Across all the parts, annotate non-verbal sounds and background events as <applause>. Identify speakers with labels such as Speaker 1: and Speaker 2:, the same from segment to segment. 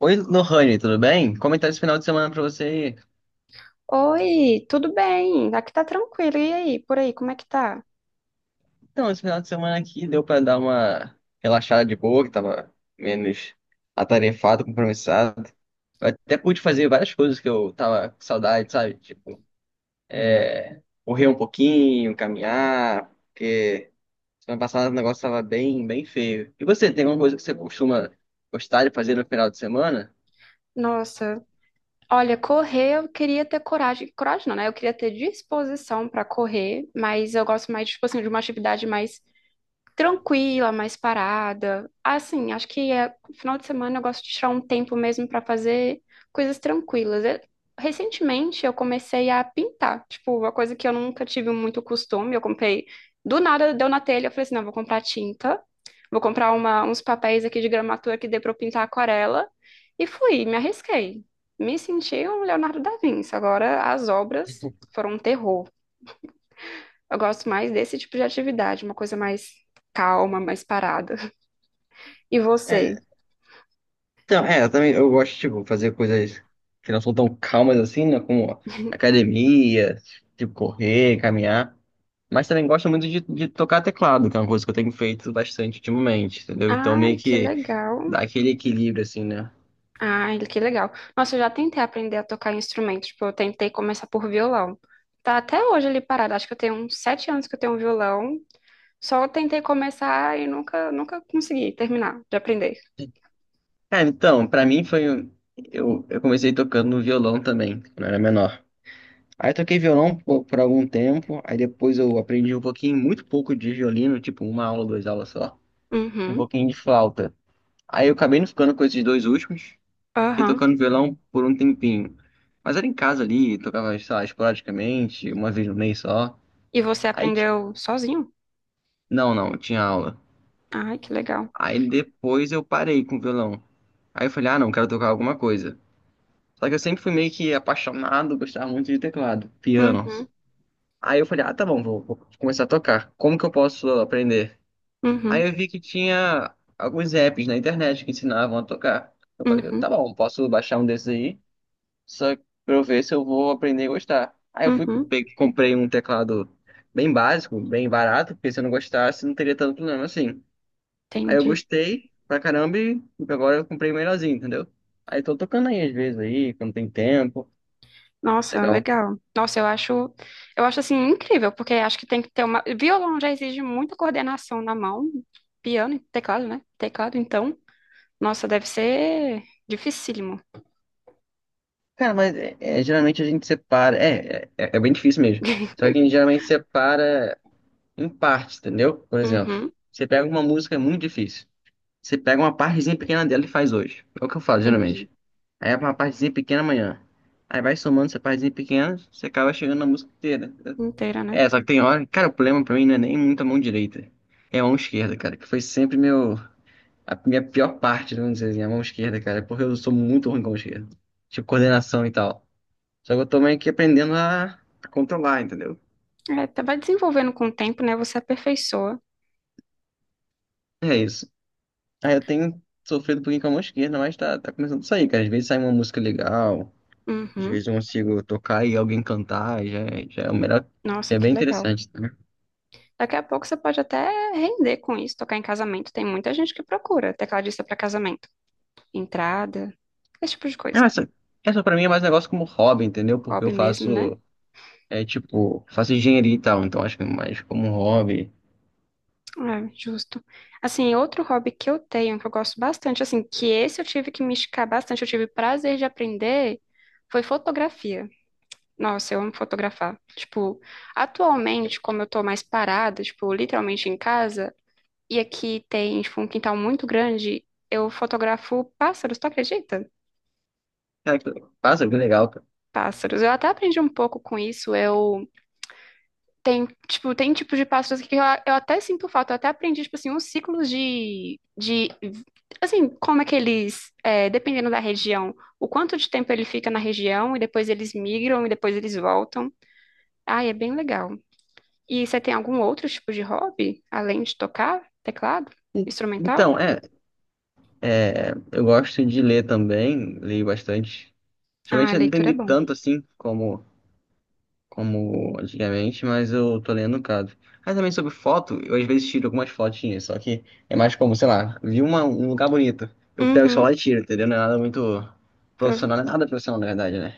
Speaker 1: Oi, Lohane, tudo bem? Comentário esse final de semana pra você.
Speaker 2: Oi, tudo bem? Aqui tá tranquilo. E aí, por aí, como é que tá?
Speaker 1: Então, esse final de semana aqui deu pra dar uma relaxada de boa, que tava menos atarefado, compromissado. Eu até pude fazer várias coisas que eu tava com saudade, sabe? Tipo, é, correr um pouquinho, caminhar, porque semana passada o negócio tava bem, bem feio. E você, tem alguma coisa que você costuma gostar de fazer no final de semana?
Speaker 2: Nossa, olha, correr eu queria ter coragem. Coragem não, né? Eu queria ter disposição pra correr, mas eu gosto mais, tipo assim, de uma atividade mais tranquila, mais parada. Assim, acho que é, final de semana eu gosto de tirar um tempo mesmo para fazer coisas tranquilas. Recentemente eu comecei a pintar, tipo, uma coisa que eu nunca tive muito costume. Eu comprei, do nada deu na telha, eu falei assim, não, vou comprar tinta, vou comprar uns papéis aqui de gramatura que dê para eu pintar aquarela e fui, me arrisquei. Me senti um Leonardo da Vinci. Agora as obras foram um terror. Eu gosto mais desse tipo de atividade, uma coisa mais calma, mais parada. E
Speaker 1: É,
Speaker 2: você?
Speaker 1: Então, eu também eu gosto, tipo, fazer coisas que não são tão calmas assim, né? Como academia, tipo, correr, caminhar. Mas também gosto muito de tocar teclado, que é uma coisa que eu tenho feito bastante ultimamente, entendeu? Então,
Speaker 2: Ai,
Speaker 1: meio
Speaker 2: que
Speaker 1: que
Speaker 2: legal.
Speaker 1: dá aquele equilíbrio, assim, né?
Speaker 2: Ai, que legal. Nossa, eu já tentei aprender a tocar instrumento. Tipo, eu tentei começar por violão. Tá até hoje ali parado. Acho que eu tenho uns 7 anos que eu tenho um violão. Só tentei começar e nunca consegui terminar de aprender.
Speaker 1: Cara, então, pra mim foi. Eu comecei tocando violão também, quando eu era menor. Aí eu toquei violão por algum tempo, aí depois eu aprendi um pouquinho, muito pouco de violino, tipo uma aula, duas aulas só. Um
Speaker 2: Uhum,
Speaker 1: pouquinho de flauta. Aí eu acabei não ficando com esses dois últimos e
Speaker 2: aham.
Speaker 1: tocando violão por um tempinho. Mas era em casa ali, tocava, sei lá, esporadicamente, uma vez no mês só.
Speaker 2: E você
Speaker 1: Aí,
Speaker 2: aprendeu sozinho?
Speaker 1: não, não, tinha aula.
Speaker 2: Ai, que legal.
Speaker 1: Aí depois eu parei com o violão. Aí eu falei, ah, não, quero tocar alguma coisa. Só que eu sempre fui meio que apaixonado, gostava muito de teclado, piano.
Speaker 2: Uhum,
Speaker 1: Aí eu falei, ah, tá bom, vou começar a tocar. Como que eu posso aprender? Aí
Speaker 2: uhum,
Speaker 1: eu vi que tinha alguns apps na internet que ensinavam a tocar. Eu falei, tá
Speaker 2: uhum,
Speaker 1: bom, posso baixar um desses aí. Só pra eu ver se eu vou aprender a gostar. Aí eu fui,
Speaker 2: uhum.
Speaker 1: comprei um teclado bem básico, bem barato, porque se eu não gostasse, não teria tanto problema assim. Aí eu
Speaker 2: Entendi.
Speaker 1: gostei pra caramba e agora eu comprei o melhorzinho, entendeu? Aí tô tocando aí às vezes aí, quando tem tempo.
Speaker 2: Nossa,
Speaker 1: Legal.
Speaker 2: legal. Nossa, eu acho assim incrível, porque acho que tem que ter uma. Violão já exige muita coordenação na mão, piano e teclado, né? Teclado, então, nossa, deve ser dificílimo.
Speaker 1: Cara, mas geralmente a gente separa. É bem difícil mesmo. Só que a gente geralmente separa em partes, entendeu? Por exemplo,
Speaker 2: Uhum,
Speaker 1: você pega uma música, é muito difícil. Você pega uma partezinha pequena dela e faz hoje. É o que eu faço geralmente.
Speaker 2: entendi.
Speaker 1: Aí é uma partezinha pequena amanhã. Aí vai somando essa partezinha pequena, você acaba chegando na música inteira.
Speaker 2: Inteira, né?
Speaker 1: É, só que tem hora. Cara, o problema pra mim não é nem muito a mão direita. É a mão esquerda, cara, que foi sempre meu, a minha pior parte, vamos dizer assim, a mão esquerda, cara, porque eu sou muito ruim com a mão esquerda. Tipo, coordenação e tal. Só que eu tô meio que aprendendo a controlar, entendeu?
Speaker 2: É, vai desenvolvendo com o tempo, né? Você aperfeiçoa.
Speaker 1: É isso. Aí eu tenho sofrido um pouquinho com a mão esquerda, mas tá começando a sair, cara. Às vezes sai uma música legal, às
Speaker 2: Uhum.
Speaker 1: vezes eu consigo tocar e alguém cantar, e já, já é o melhor.
Speaker 2: Nossa,
Speaker 1: É
Speaker 2: que
Speaker 1: bem
Speaker 2: legal.
Speaker 1: interessante, tá?
Speaker 2: Daqui a pouco você pode até render com isso, tocar em casamento. Tem muita gente que procura tecladista para casamento. Entrada, esse tipo de coisa.
Speaker 1: Ah, essa pra mim é mais um negócio como hobby, entendeu? Porque eu
Speaker 2: Hobby mesmo, né?
Speaker 1: faço, tipo, faço engenharia e tal, então acho que é mais como um hobby.
Speaker 2: É, justo. Assim, outro hobby que eu tenho, que eu gosto bastante, assim, que esse eu tive que me esticar bastante, eu tive prazer de aprender, foi fotografia. Nossa, eu amo fotografar. Tipo, atualmente, como eu tô mais parada, tipo, literalmente em casa, e aqui tem, tipo, um quintal muito grande, eu fotografo pássaros, tu acredita?
Speaker 1: Cara, passa, que legal, cara.
Speaker 2: Pássaros. Eu até aprendi um pouco com isso. Tem tipos de passos que eu até sinto falta. Eu até aprendi, tipo assim, uns ciclos de assim, como é que eles, é, dependendo da região, o quanto de tempo ele fica na região, e depois eles migram, e depois eles voltam. Ai, é bem legal. E você tem algum outro tipo de hobby, além de tocar teclado,
Speaker 1: E-
Speaker 2: instrumental?
Speaker 1: Então, eu gosto de ler também, leio bastante.
Speaker 2: Ah,
Speaker 1: Geralmente eu não tenho
Speaker 2: leitura é
Speaker 1: lido
Speaker 2: bom.
Speaker 1: tanto assim como antigamente, mas eu tô lendo um bocado. Aí também sobre foto, eu às vezes tiro algumas fotinhas, só que é mais como, sei lá, vi um lugar bonito, eu pego o
Speaker 2: Uhum.
Speaker 1: celular e tiro, entendeu? Não é nada muito
Speaker 2: Pro-
Speaker 1: profissional, não é nada profissional na verdade, né?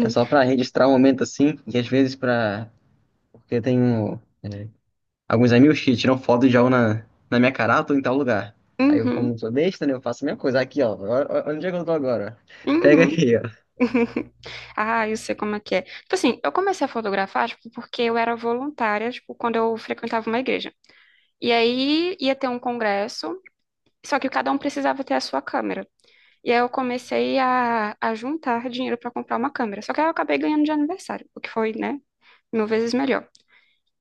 Speaker 1: É só pra registrar um momento assim, e às vezes pra. Porque eu tenho é, alguns amigos que tiram foto de algo na minha carata ou em tal lugar. Aí eu, como
Speaker 2: Uhum.
Speaker 1: não sou besta, né, eu faço a mesma coisa. Aqui, ó, onde é que eu tô agora? Pega
Speaker 2: Uhum.
Speaker 1: aqui, ó.
Speaker 2: <laughs> Ah, eu sei como é que é. Tipo assim, eu comecei a fotografar, tipo, porque eu era voluntária, tipo, quando eu frequentava uma igreja. E aí ia ter um congresso, só que cada um precisava ter a sua câmera. E aí eu comecei a juntar dinheiro para comprar uma câmera. Só que aí eu acabei ganhando de aniversário, o que foi, né, mil vezes melhor.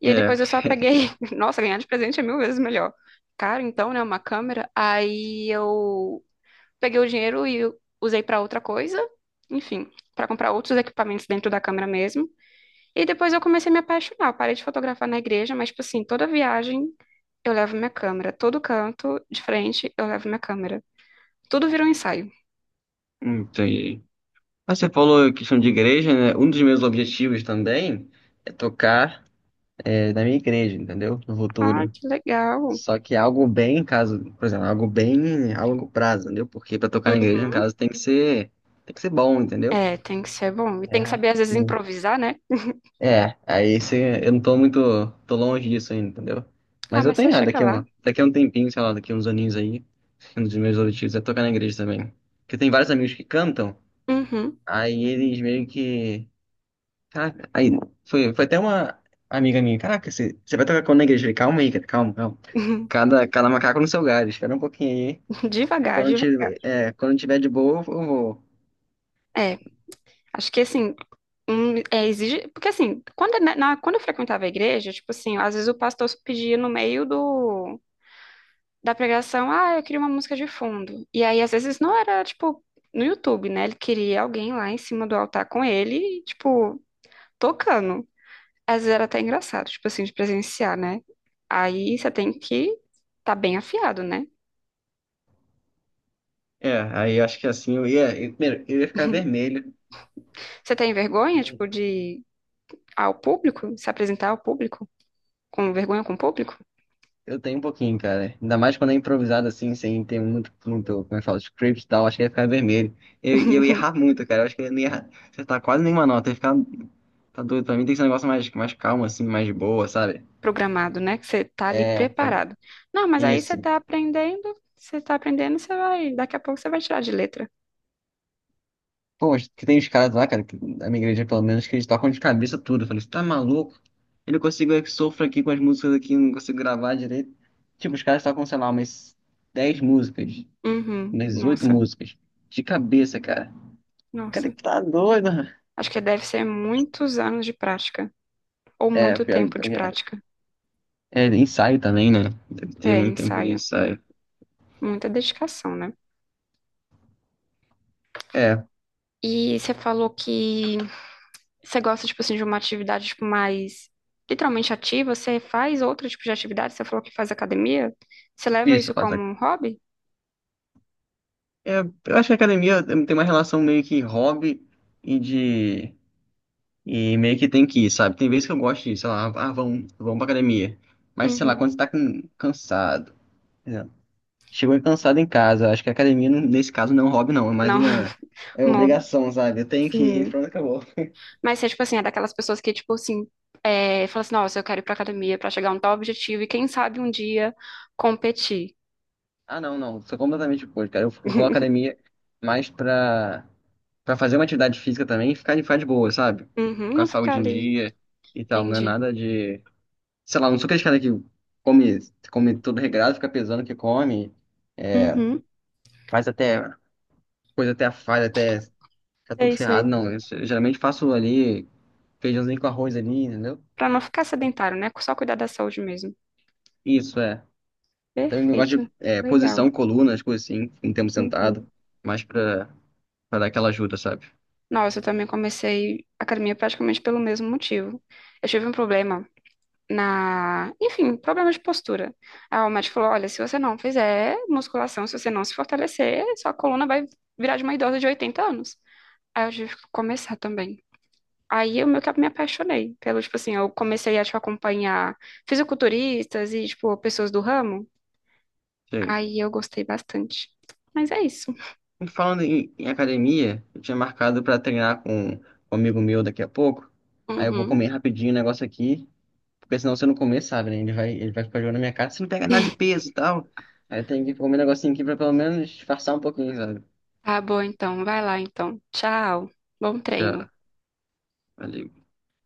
Speaker 2: E aí
Speaker 1: É,
Speaker 2: depois eu só peguei, <laughs> nossa, ganhar de presente é mil vezes melhor. Caro, então, né, uma câmera. Aí eu peguei o dinheiro e usei para outra coisa, enfim, para comprar outros equipamentos dentro da câmera mesmo. E depois eu comecei a me apaixonar. Eu parei de fotografar na igreja, mas, tipo assim, toda viagem eu levo minha câmera. Todo canto de frente eu levo minha câmera. Tudo vira um ensaio.
Speaker 1: <laughs> entendi. Mas você falou questão de igreja, né? Um dos meus objetivos também é tocar na minha igreja, entendeu? No
Speaker 2: Ah,
Speaker 1: futuro.
Speaker 2: que legal.
Speaker 1: Só que algo bem, caso, por exemplo, algo bem a longo prazo, entendeu? Porque pra tocar na igreja, no
Speaker 2: Uhum.
Speaker 1: caso, tem que ser bom, entendeu?
Speaker 2: É, tem que ser bom. E tem que
Speaker 1: É,
Speaker 2: saber, às vezes,
Speaker 1: hum.
Speaker 2: improvisar, né?
Speaker 1: Aí eu não tô longe disso ainda, entendeu?
Speaker 2: Ah,
Speaker 1: Mas eu
Speaker 2: mas você
Speaker 1: tenho, ah,
Speaker 2: chega lá.
Speaker 1: daqui a um tempinho, sei lá, daqui a uns aninhos aí, um dos meus objetivos é tocar na igreja também. Porque tem vários amigos que cantam,
Speaker 2: Uhum.
Speaker 1: aí eles meio que. Caraca, aí foi até uma amiga minha, caraca, você vai tocar com o negro? Eu falei, calma aí, cara, calma, calma.
Speaker 2: <laughs>
Speaker 1: Cada, cada macaco no seu galho, espera um pouquinho aí. E
Speaker 2: Devagar, devagar.
Speaker 1: quando tiver de boa, eu vou.
Speaker 2: É, acho que assim, é, exige, porque assim, quando, quando eu frequentava a igreja, tipo assim, às vezes o pastor pedia no meio do, da pregação, ah, eu queria uma música de fundo. E aí, às vezes, não era, tipo, no YouTube, né? Ele queria alguém lá em cima do altar com ele, e, tipo, tocando. Às vezes era até engraçado, tipo assim, de presenciar, né? Aí você tem que tá bem afiado, né?
Speaker 1: É, aí eu acho que assim eu ia. Primeiro, eu ia ficar vermelho.
Speaker 2: Você tem vergonha, tipo,
Speaker 1: E
Speaker 2: de ao público, se apresentar ao público? Com vergonha com o público?
Speaker 1: Eu tenho um pouquinho, cara. Ainda mais quando é improvisado assim, sem ter muito, muito, como é que fala, script e tal, acho que ia ficar vermelho. E eu ia errar
Speaker 2: <laughs>
Speaker 1: muito, cara. Eu acho que eu não ia errar. Você tá quase nenhuma nota, eu ia ficar. Tá doido, pra mim tem que ser um negócio mais calmo, assim, mais de boa, sabe?
Speaker 2: Programado, né? Que você tá ali
Speaker 1: É,
Speaker 2: preparado. Não, mas aí você
Speaker 1: isso.
Speaker 2: tá aprendendo, você tá aprendendo, você vai, daqui a pouco você vai tirar de letra.
Speaker 1: Pô, mas que tem os caras lá, cara, que, da minha igreja pelo menos, que eles tocam de cabeça tudo. Eu falei, você tá maluco? Ele não consigo, que sofro aqui com as músicas aqui, eu não consigo gravar direito. Tipo, os caras tocam, sei lá, umas 10 músicas,
Speaker 2: Uhum.
Speaker 1: umas 8
Speaker 2: Nossa,
Speaker 1: músicas, de cabeça, cara. Cara,
Speaker 2: nossa.
Speaker 1: que tá doido.
Speaker 2: Acho que deve ser muitos anos de prática, ou
Speaker 1: É,
Speaker 2: muito
Speaker 1: pior,
Speaker 2: tempo
Speaker 1: pior
Speaker 2: de
Speaker 1: que é.
Speaker 2: prática.
Speaker 1: É, ensaio também, né? Deve ter
Speaker 2: É,
Speaker 1: muito tempo de
Speaker 2: ensaio.
Speaker 1: ensaio.
Speaker 2: Muita dedicação, né?
Speaker 1: É,
Speaker 2: E você falou que você gosta, tipo assim, de uma atividade, tipo, mais literalmente ativa. Você faz outro tipo de atividade? Você falou que faz academia? Você leva
Speaker 1: isso eu
Speaker 2: isso
Speaker 1: faço
Speaker 2: como
Speaker 1: aqui.
Speaker 2: um hobby?
Speaker 1: É, eu acho que a academia tem uma relação meio que hobby e de E meio que tem que ir, sabe? Tem vezes que eu gosto de, sei lá, ah, vamos pra academia. Mas, sei lá,
Speaker 2: Uhum.
Speaker 1: quando você tá cansado, né? Chegou cansado em casa, acho que a academia, nesse caso, não é um hobby, não, é mais
Speaker 2: Não,
Speaker 1: uma,
Speaker 2: <laughs>
Speaker 1: é
Speaker 2: um hobby.
Speaker 1: obrigação, sabe? Eu tenho que ir, <laughs>
Speaker 2: Sim.
Speaker 1: pronto, acabou.
Speaker 2: Mas você, tipo assim, é daquelas pessoas que, tipo assim, é, fala assim, nossa, eu quero ir pra academia pra chegar a um tal objetivo e quem sabe um dia competir.
Speaker 1: Ah, não, não, sou completamente oposto, cara. Eu vou à
Speaker 2: <laughs>
Speaker 1: academia mais pra fazer uma atividade física também e ficar de boa, sabe?
Speaker 2: Uhum,
Speaker 1: Com a
Speaker 2: não ficar
Speaker 1: saúde em
Speaker 2: ali,
Speaker 1: dia e tal, não é
Speaker 2: entendi.
Speaker 1: nada de. Sei lá, não sou aquele cara que come, tudo regrado, fica pesando o que come, é,
Speaker 2: Uhum,
Speaker 1: faz até. Coisa até a falha, até ficar tudo
Speaker 2: sei, sei.
Speaker 1: ferrado, não. Eu geralmente faço ali feijãozinho com arroz ali, entendeu?
Speaker 2: Pra não ficar sedentário, né? Só cuidar da saúde mesmo.
Speaker 1: Isso, é. Tem um negócio de
Speaker 2: Perfeito,
Speaker 1: posição,
Speaker 2: legal.
Speaker 1: coluna, as coisas assim, um tempo
Speaker 2: Uhum.
Speaker 1: sentado, mais pra dar aquela ajuda, sabe?
Speaker 2: Nossa, eu também comecei academia praticamente pelo mesmo motivo. Eu tive um problema enfim, problemas de postura. Aí o médico falou: olha, se você não fizer musculação, se você não se fortalecer, sua coluna vai virar de uma idosa de 80 anos. Aí eu tive que começar também. Aí eu meio que me apaixonei pelo, tipo assim, eu comecei a, tipo, acompanhar fisiculturistas e, tipo, pessoas do ramo.
Speaker 1: Que é isso.
Speaker 2: Aí eu gostei bastante. Mas é isso.
Speaker 1: E falando em academia, eu tinha marcado pra treinar com um amigo meu daqui a pouco. Aí eu vou comer
Speaker 2: Uhum.
Speaker 1: rapidinho o negócio aqui, porque senão se eu não comer, sabe, né? Ele vai ficar jogando na minha cara, você não pega nada de
Speaker 2: <laughs>
Speaker 1: peso e tal. Aí tem que comer um negocinho aqui pra pelo menos disfarçar um pouquinho, sabe?
Speaker 2: Tá bom, então. Vai lá, então. Tchau. Bom
Speaker 1: Já,
Speaker 2: treino.
Speaker 1: valeu.